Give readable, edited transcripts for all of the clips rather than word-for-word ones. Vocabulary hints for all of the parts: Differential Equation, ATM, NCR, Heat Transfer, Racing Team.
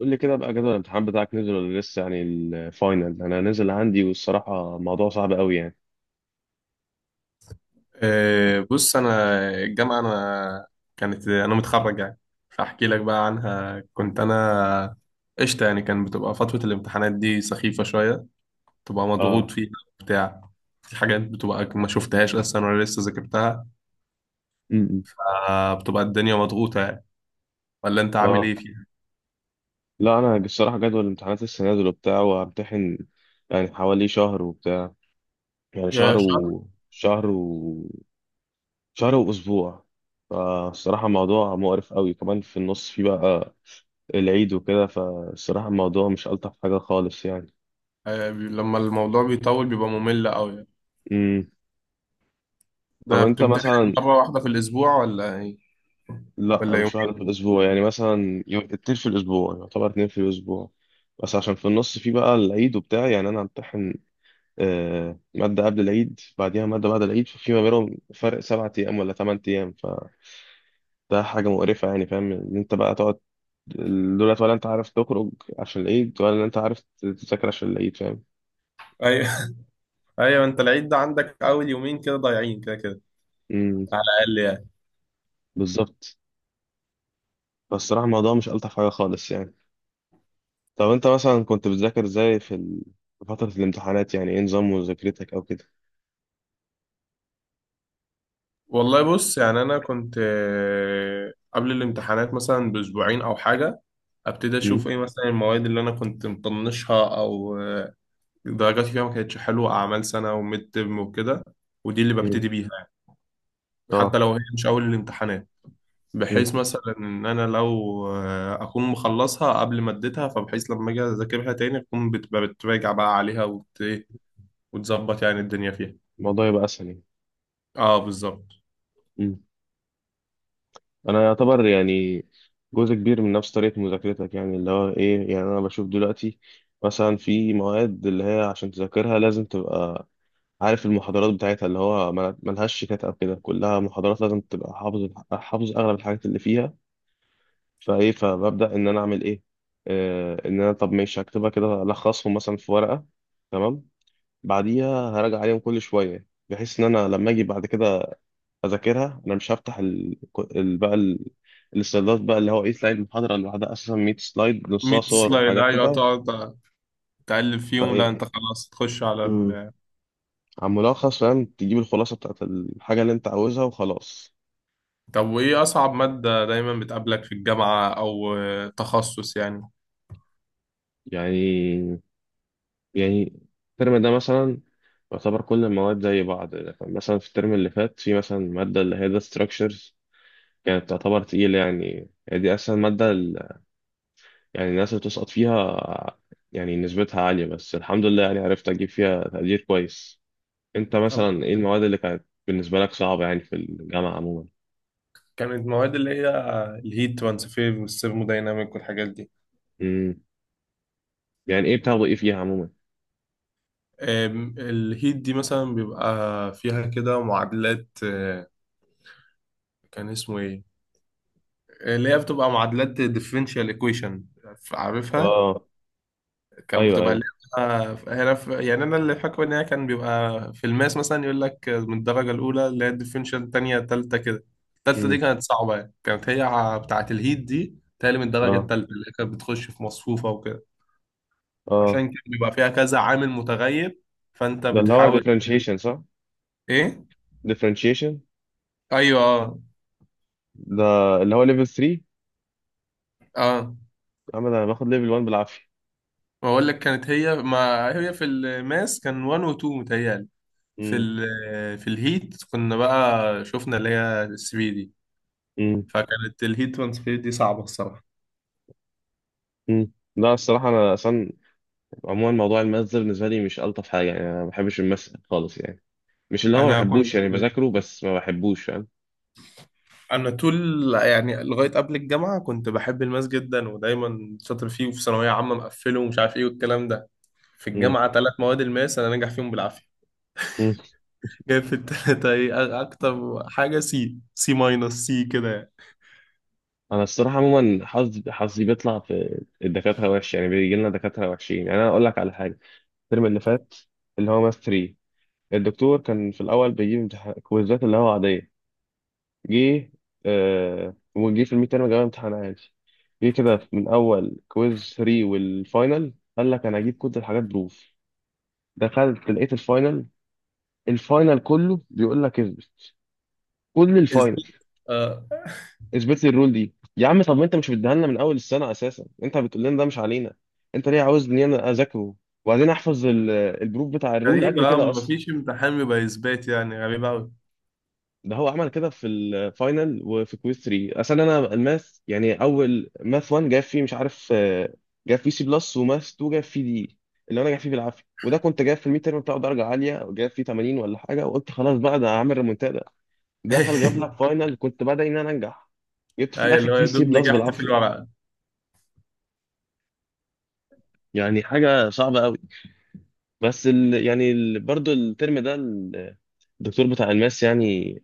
قول لي كده بقى جدول الامتحان بتاعك نزل ولا لسه، يعني الفاينل انا نزل عندي والصراحه موضوع صعب قوي يعني. أه، بص. انا الجامعه انا كانت انا متخرج يعني. فاحكي لك بقى عنها. كنت انا قشطه يعني. كان بتبقى فتره الامتحانات دي سخيفه شويه، بتبقى مضغوط اه. فيها، بتاع في حاجات بتبقى ما شفتهاش اصلا ولا لسه ذاكرتها. امم آه، بتبقى الدنيا مضغوطه يعني. ولا انت عامل اه. ايه فيها؟ لا انا الصراحه جدول الامتحانات لسه نازل وبتاع وهمتحن، يعني حوالي شهر وبتاع، يعني يا شهر؟ شهر واسبوع. فالصراحه موضوع مقرف قوي، كمان في النص في بقى العيد وكده، فالصراحه الموضوع مش الطف حاجه خالص يعني. لما الموضوع بيطول بيبقى ممل قوي يعني. امم طب ده انت بتمتحن مثلا. مرة واحدة في الأسبوع ولا إيه؟ لا ولا يوم؟ مش واحدة في الأسبوع، يعني مثلا يوم اتنين في الأسبوع، يعتبر اتنين في الأسبوع بس عشان في النص في بقى العيد وبتاع، يعني أنا همتحن مادة قبل العيد، بعديها مادة بعد العيد، ففي ما بينهم فرق 7 أيام ولا 8 أيام، فده حاجة مقرفة يعني، فاهم إن أنت بقى تقعد دولت ولا أنت عارف تخرج عشان العيد ولا أنت عارف تذاكر عشان العيد، فاهم. ايوه. ايوه، انت العيد ده عندك اول يومين كده ضايعين كده كده، امم على الاقل يعني. بالظبط. بس الصراحة الموضوع مش ألطف حاجة خالص يعني. طب أنت مثلا كنت بتذاكر إزاي في في فترة الامتحانات يعني، إيه نظام مذاكرتك أو كده؟ والله بص، يعني انا كنت، قبل الامتحانات مثلا باسبوعين او حاجه ابتدي مم. اشوف ايه مثلا المواد اللي انا كنت مطنشها، او درجاتي فيها ما كانتش حلوه، اعمال سنه وميد ترم وكده، ودي اللي مم. ببتدي بيها يعني، حتى اه. لو هي مش اول الامتحانات، مم. بحيث مثلا ان انا لو اكون مخلصها قبل ما اديتها، فبحيث لما اجي اذاكرها تاني اكون بتراجع بقى عليها، وت- إيه، وتظبط يعني الدنيا فيها. الموضوع يبقى اسهل يعني. اه بالظبط. مم. انا يعتبر يعني جزء كبير من نفس طريقه مذاكرتك، يعني اللي هو ايه، يعني انا بشوف دلوقتي مثلا في مواد اللي هي عشان تذاكرها لازم تبقى عارف المحاضرات بتاعتها، اللي هو ملهاش شيتات او كده، كلها محاضرات لازم تبقى حافظ حافظ اغلب الحاجات اللي فيها. فايه، فببدا ان انا اعمل ايه. آه ان انا، طب ماشي، هكتبها كده، الخصهم مثلا في ورقه، تمام. بعديها هراجع عليهم كل شويه بحيث ان انا لما اجي بعد كده اذاكرها انا مش هفتح ال... بقى ال... السلايدات بقى، اللي هو ايه، سلايد المحاضره اللي بعدها اساسا 100 سلايد نصها 100 صور سلايد، وحاجات ايوه كده. تقعد تقلب فيهم. لا انت فايه. خلاص تخش على مم. على الملخص، فاهم، تجيب الخلاصه بتاعت الحاجه اللي انت عاوزها وخلاص. طب وايه اصعب مادة دايما بتقابلك في الجامعة، او تخصص يعني؟ يعني يعني الترم ده مثلا يعتبر كل المواد زي بعض، يعني مثلا في الترم اللي فات في مثلا ماده اللي هي داتا ستراكشرز كانت تعتبر تقيله، يعني هي دي اسهل ماده يعني الناس اللي بتسقط فيها يعني نسبتها عالية، بس الحمد لله يعني عرفت أجيب فيها تقدير كويس. أنت طب، مثلا إيه المواد اللي كانت بالنسبة لك صعبة يعني في الجامعة عموما؟ كانت مواد اللي هي الهيت ترانسفير والثيرمودايناميك والحاجات دي. امم يعني إيه بتاخدوا إيه فيها عموما؟ الهيت دي مثلا بيبقى فيها كده معادلات، كان اسمه ايه، اللي هي بتبقى معادلات differential equation، عارفها. آه. كانت أيوه بتبقى أيوه. اللعبة هنا في، يعني أنا اللي فاكره إن هي كان بيبقى في الماس مثلا يقول لك من الدرجة الأولى اللي هي الديفرنشال، التانية، التالتة كده. التالتة دي امم كانت صعبة، يعني كانت هي بتاعة الهيت دي تالي من الدرجة آه. التالتة، اللي هي كانت بتخش في مصفوفة وكده. آه. عشان كده بيبقى فيها كذا عامل متغير، فأنت ده اللي هو بتحاول. differentiation، صح؟ إيه؟ differentiation. أيوه. أه. ده اللي هو level 3. أه. أما ده أنا باخد level 1 بالعافية. بقول لك كانت هي، ما هي في الماس كان 1 و 2 متهيألي، في امم ال في الهيت كنا بقى شفنا اللي هي 3 دي. امم فكانت الهيت ترانسفير دي صعبة الصراحة. لا الصراحة أنا أصلا عموما موضوع الماس ده بالنسبة لي مش ألطف حاجة، يعني أنا ما بحبش الماس خالص يعني، مش اللي هو ما أنا بحبوش كنت يعني، بذاكره بس ما بحبوش، فاهم. أنا طول يعني لغاية قبل الجامعة كنت بحب الماس جدا، ودايما شاطر فيه، وفي ثانوية عامة مقفله، ومش عارف إيه والكلام ده. في مم. الجامعة ثلاث مواد الماس أنا ناجح فيهم بالعافية. مم. جايب في التلاتة إيه، أكتر حاجة سي سي ماينس سي كده يعني. انا الصراحه عموما حظي بيطلع في الدكاتره وحش، يعني بيجي لنا دكاتره وحشين. يعني انا اقول لك على حاجه، الترم اللي فات اللي هو ماث 3، الدكتور كان في الاول بيجيب امتحان كويزات اللي هو عاديه. جه وجه في الميد تيرم جاب امتحان عادي. جه كده من اول كويز 3 والفاينل قال لك انا هجيب كل الحاجات بروف. دخلت لقيت الفاينل، الفاينل كله بيقول لك اثبت، كل الفاينل إثبات. آه. اثبت لي الرول دي يا عم. طب ما انت مش بتديها لنا من اول السنه اساسا، انت بتقول لنا ده مش علينا، انت ليه عاوزني انا اذاكره؟ وبعدين احفظ البروف بتاع الرول قد غريبة، كده اصلا؟ مفيش امتحان بيبقى إثبات يعني، غريبة أوي. ده هو عمل كده في الفاينل وفي كويز 3. اصل انا الماث يعني، اول ماث 1 جاب فيه مش عارف، جاب فيه سي بلس، وماث 2 جاب فيه دي اللي انا جاب فيه بالعافيه، وده كنت جايب في الميد تيرم بتاعه درجه عاليه، جايب فيه 80 ولا حاجه، وقلت خلاص بقى ده هعمل ريمونتادا. دخل جاب لك فاينل كنت بدعي ان انا انجح، جبت في أيوة، الاخر اللي هو فيه يا سي دوب بلس نجحت في بالعافيه. الورقة. يعني حاجة صعبة قوي. بس برضو الترم ده الدكتور بتاع الماس، يعني،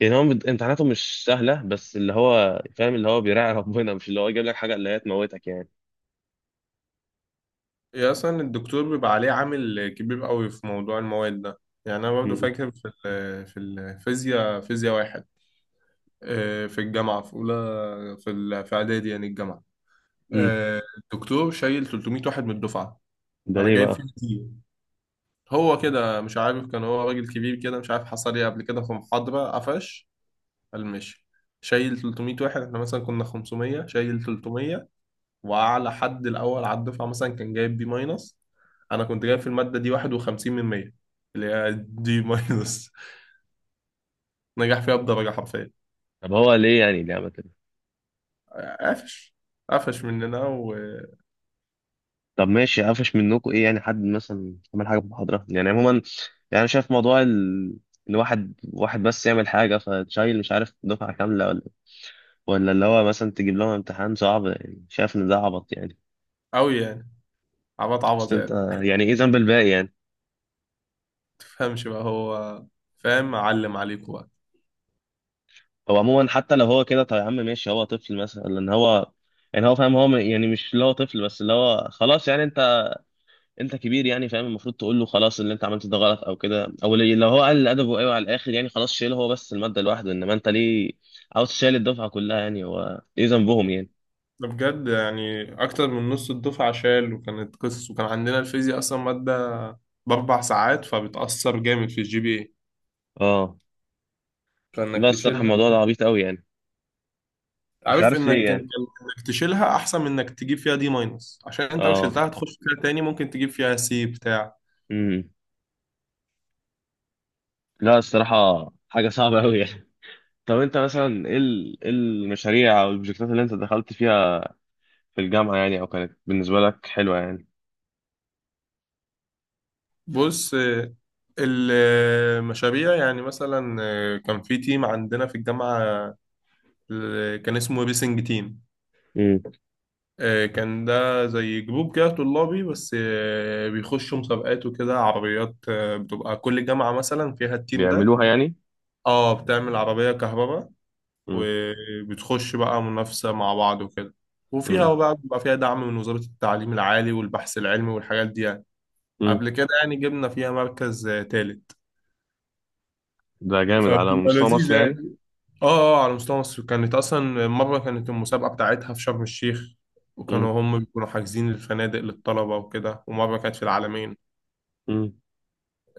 يعني هو امتحاناته مش سهلة، بس اللي هو فاهم، اللي هو بيراعي ربنا، مش اللي هو يجيب لك حاجة اللي هي تموتك يعني. هي أصلا الدكتور بيبقى عليه عامل كبير قوي في موضوع المواد ده يعني. أنا برضو امم فاكر في الفيزياء، فيزياء واحد، في الجامعة في أولى، في إعدادي يعني الجامعة. امم الدكتور شايل 300 واحد من الدفعة. ده أنا ليه جايب فيه بقى؟ كتير. هو كده مش عارف، كان هو راجل كبير كده، مش عارف حصل إيه قبل كده في محاضرة قفش. قال ماشي، شايل 300 واحد. احنا مثلا كنا 500، شايل 300. واعلى حد الاول على الدفعه مثلا كان جايب بي ماينس. انا كنت جايب في الماده دي 51 من 100، اللي هي دي ماينس. نجح فيها بدرجه حرفيا. طب هو ليه، يعني ليه عمل كده؟ قفش. قفش مننا وقوي طب ماشي قفش منكم ايه يعني، حد مثلا عمل حاجة في المحاضرة يعني عموما؟ يعني أنا شايف موضوع ان واحد واحد بس يعمل حاجة فتشيل مش عارف دفعة كاملة، ولا اللي هو مثلا تجيب لهم امتحان صعب، يعني شايف ان ده عبط يعني. يعني. عبط بس عبط انت، يعني. يعني ايه ذنب الباقي يعني. تفهمش بقى، هو فاهم، علم عليكوا بقى. هو عموما حتى لو هو كده، طب يا عم ماشي هو طفل مثلا، لان هو يعني هو فاهم، هو يعني مش اللي هو طفل، بس اللي هو خلاص، يعني انت كبير يعني فاهم، المفروض تقول له خلاص اللي انت عملته ده غلط او كده، او لو هو قال ادبه، ايوه على الاخر يعني خلاص، شيله هو بس الماده لوحده، انما انت ليه عاوز تشيل الدفعه كلها يعني، هو ايه ذنبهم يعني. ده بجد يعني، اكتر من نص الدفعه شال، وكانت قصص. وكان عندنا الفيزياء اصلا ماده باربع ساعات، فبتاثر جامد في الجي بي اي، اه. فانك لا الصراحه تشيلها. الموضوع ده عبيط قوي يعني. مش عارف عارف انك، ليه كان كان يعني. انك تشيلها احسن من انك تجيب فيها دي ماينس، عشان انت لو اه. شلتها هتخش فيها تاني، ممكن تجيب فيها سي بتاع. امم لا الصراحه حاجه صعبه قوي يعني. طب انت مثلا ايه إيه المشاريع او البروجكتات اللي انت دخلت فيها في الجامعة يعني، او كانت بالنسبة لك حلوة يعني؟ بص، المشاريع يعني مثلا، كان في تيم عندنا في الجامعة، كان اسمه ريسنج تيم. امم كان ده زي جروب كده طلابي، بس بيخشوا مسابقات وكده، عربيات بتبقى كل جامعة مثلا فيها التيم ده. بيعملوها يعني. اه بتعمل عربية كهرباء، امم وبتخش بقى منافسة مع بعض وكده، امم وفيها بقى بيبقى فيها دعم من وزارة التعليم العالي والبحث العلمي والحاجات دي يعني. امم قبل كده يعني جبنا فيها مركز تالت، ده جامد على فبتبقى مستوى مصر لذيذة يعني. يعني. اه اه، على مستوى مصر. كانت أصلا مرة كانت المسابقة بتاعتها في شرم الشيخ، امم وكانوا هم بيكونوا حاجزين الفنادق للطلبة وكده، ومرة كانت في العالمين. امم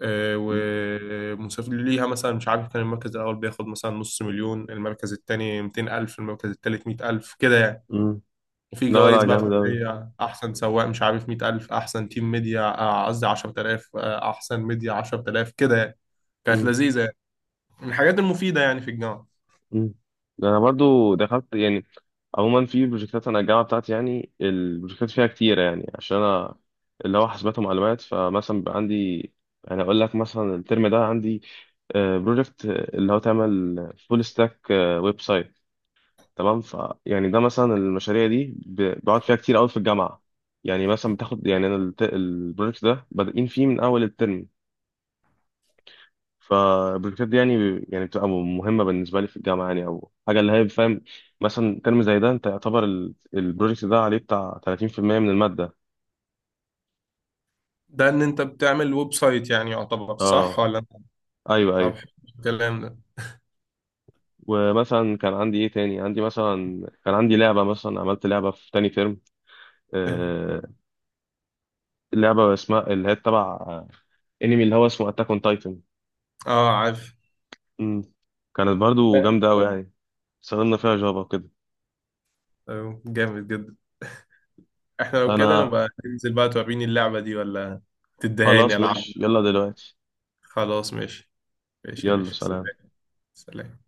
ومسافر ليها مثلا، مش عارف كان المركز الأول بياخد مثلا نص مليون، المركز التاني 200 ألف، المركز التالت 100 ألف كده يعني. امم وفي لا جوائز لا بقى جامد اوي. فردية، أحسن سواق مش عارف مية ألف، أحسن تيم ميديا، قصدي عشرة آلاف، أحسن ميديا عشرة آلاف كده يعني. كانت لذيذة يعني، من الحاجات المفيدة يعني في الجامعة. مم. ده انا برضو دخلت يعني عموما في بروجكتات، انا الجامعه بتاعتي يعني البروجكتات فيها كتيره، يعني عشان انا اللي هو حاسبات ومعلومات، فمثلا بقى عندي، يعني اقول لك مثلا الترم ده عندي بروجكت اللي هو تعمل فول ستاك ويب سايت، تمام. ف يعني ده مثلا المشاريع دي بقعد فيها كتير قوي في الجامعه. يعني مثلا بتاخد، يعني انا البروجكت ده بادئين فيه من اول الترم. فالبروجكتات دي يعني بتبقى مهمة بالنسبة لي في الجامعة يعني، أو حاجة اللي هي فاهم. مثلا ترم زي ده أنت يعتبر البروجكت ده عليه بتاع 30% من المادة. ده إن أنت بتعمل ويب سايت، يعني يعتبر صح اه. ولا أنت؟ أيوه طب أيوه. حلو الكلام ده. ومثلا كان عندي إيه تاني، عندي مثلا كان عندي لعبة، مثلا عملت لعبة في تاني ترم. آه. لعبة اسمها اللي هي تبع انمي اللي هو اسمه أتاك أون تايتن. أه عارف. كانت برضو جامدة أوي يعني، استخدمنا فيها جافا وكده. أيوه، جامد جدا. إحنا لو كده أنا نبقى ننزل بقى، توريني اللعبة دي ولا تدهاني خلاص ألعب؟ ماشي يلا دلوقتي. خلاص ماشي. ماشي يا يلا باشا. سلام. سلام.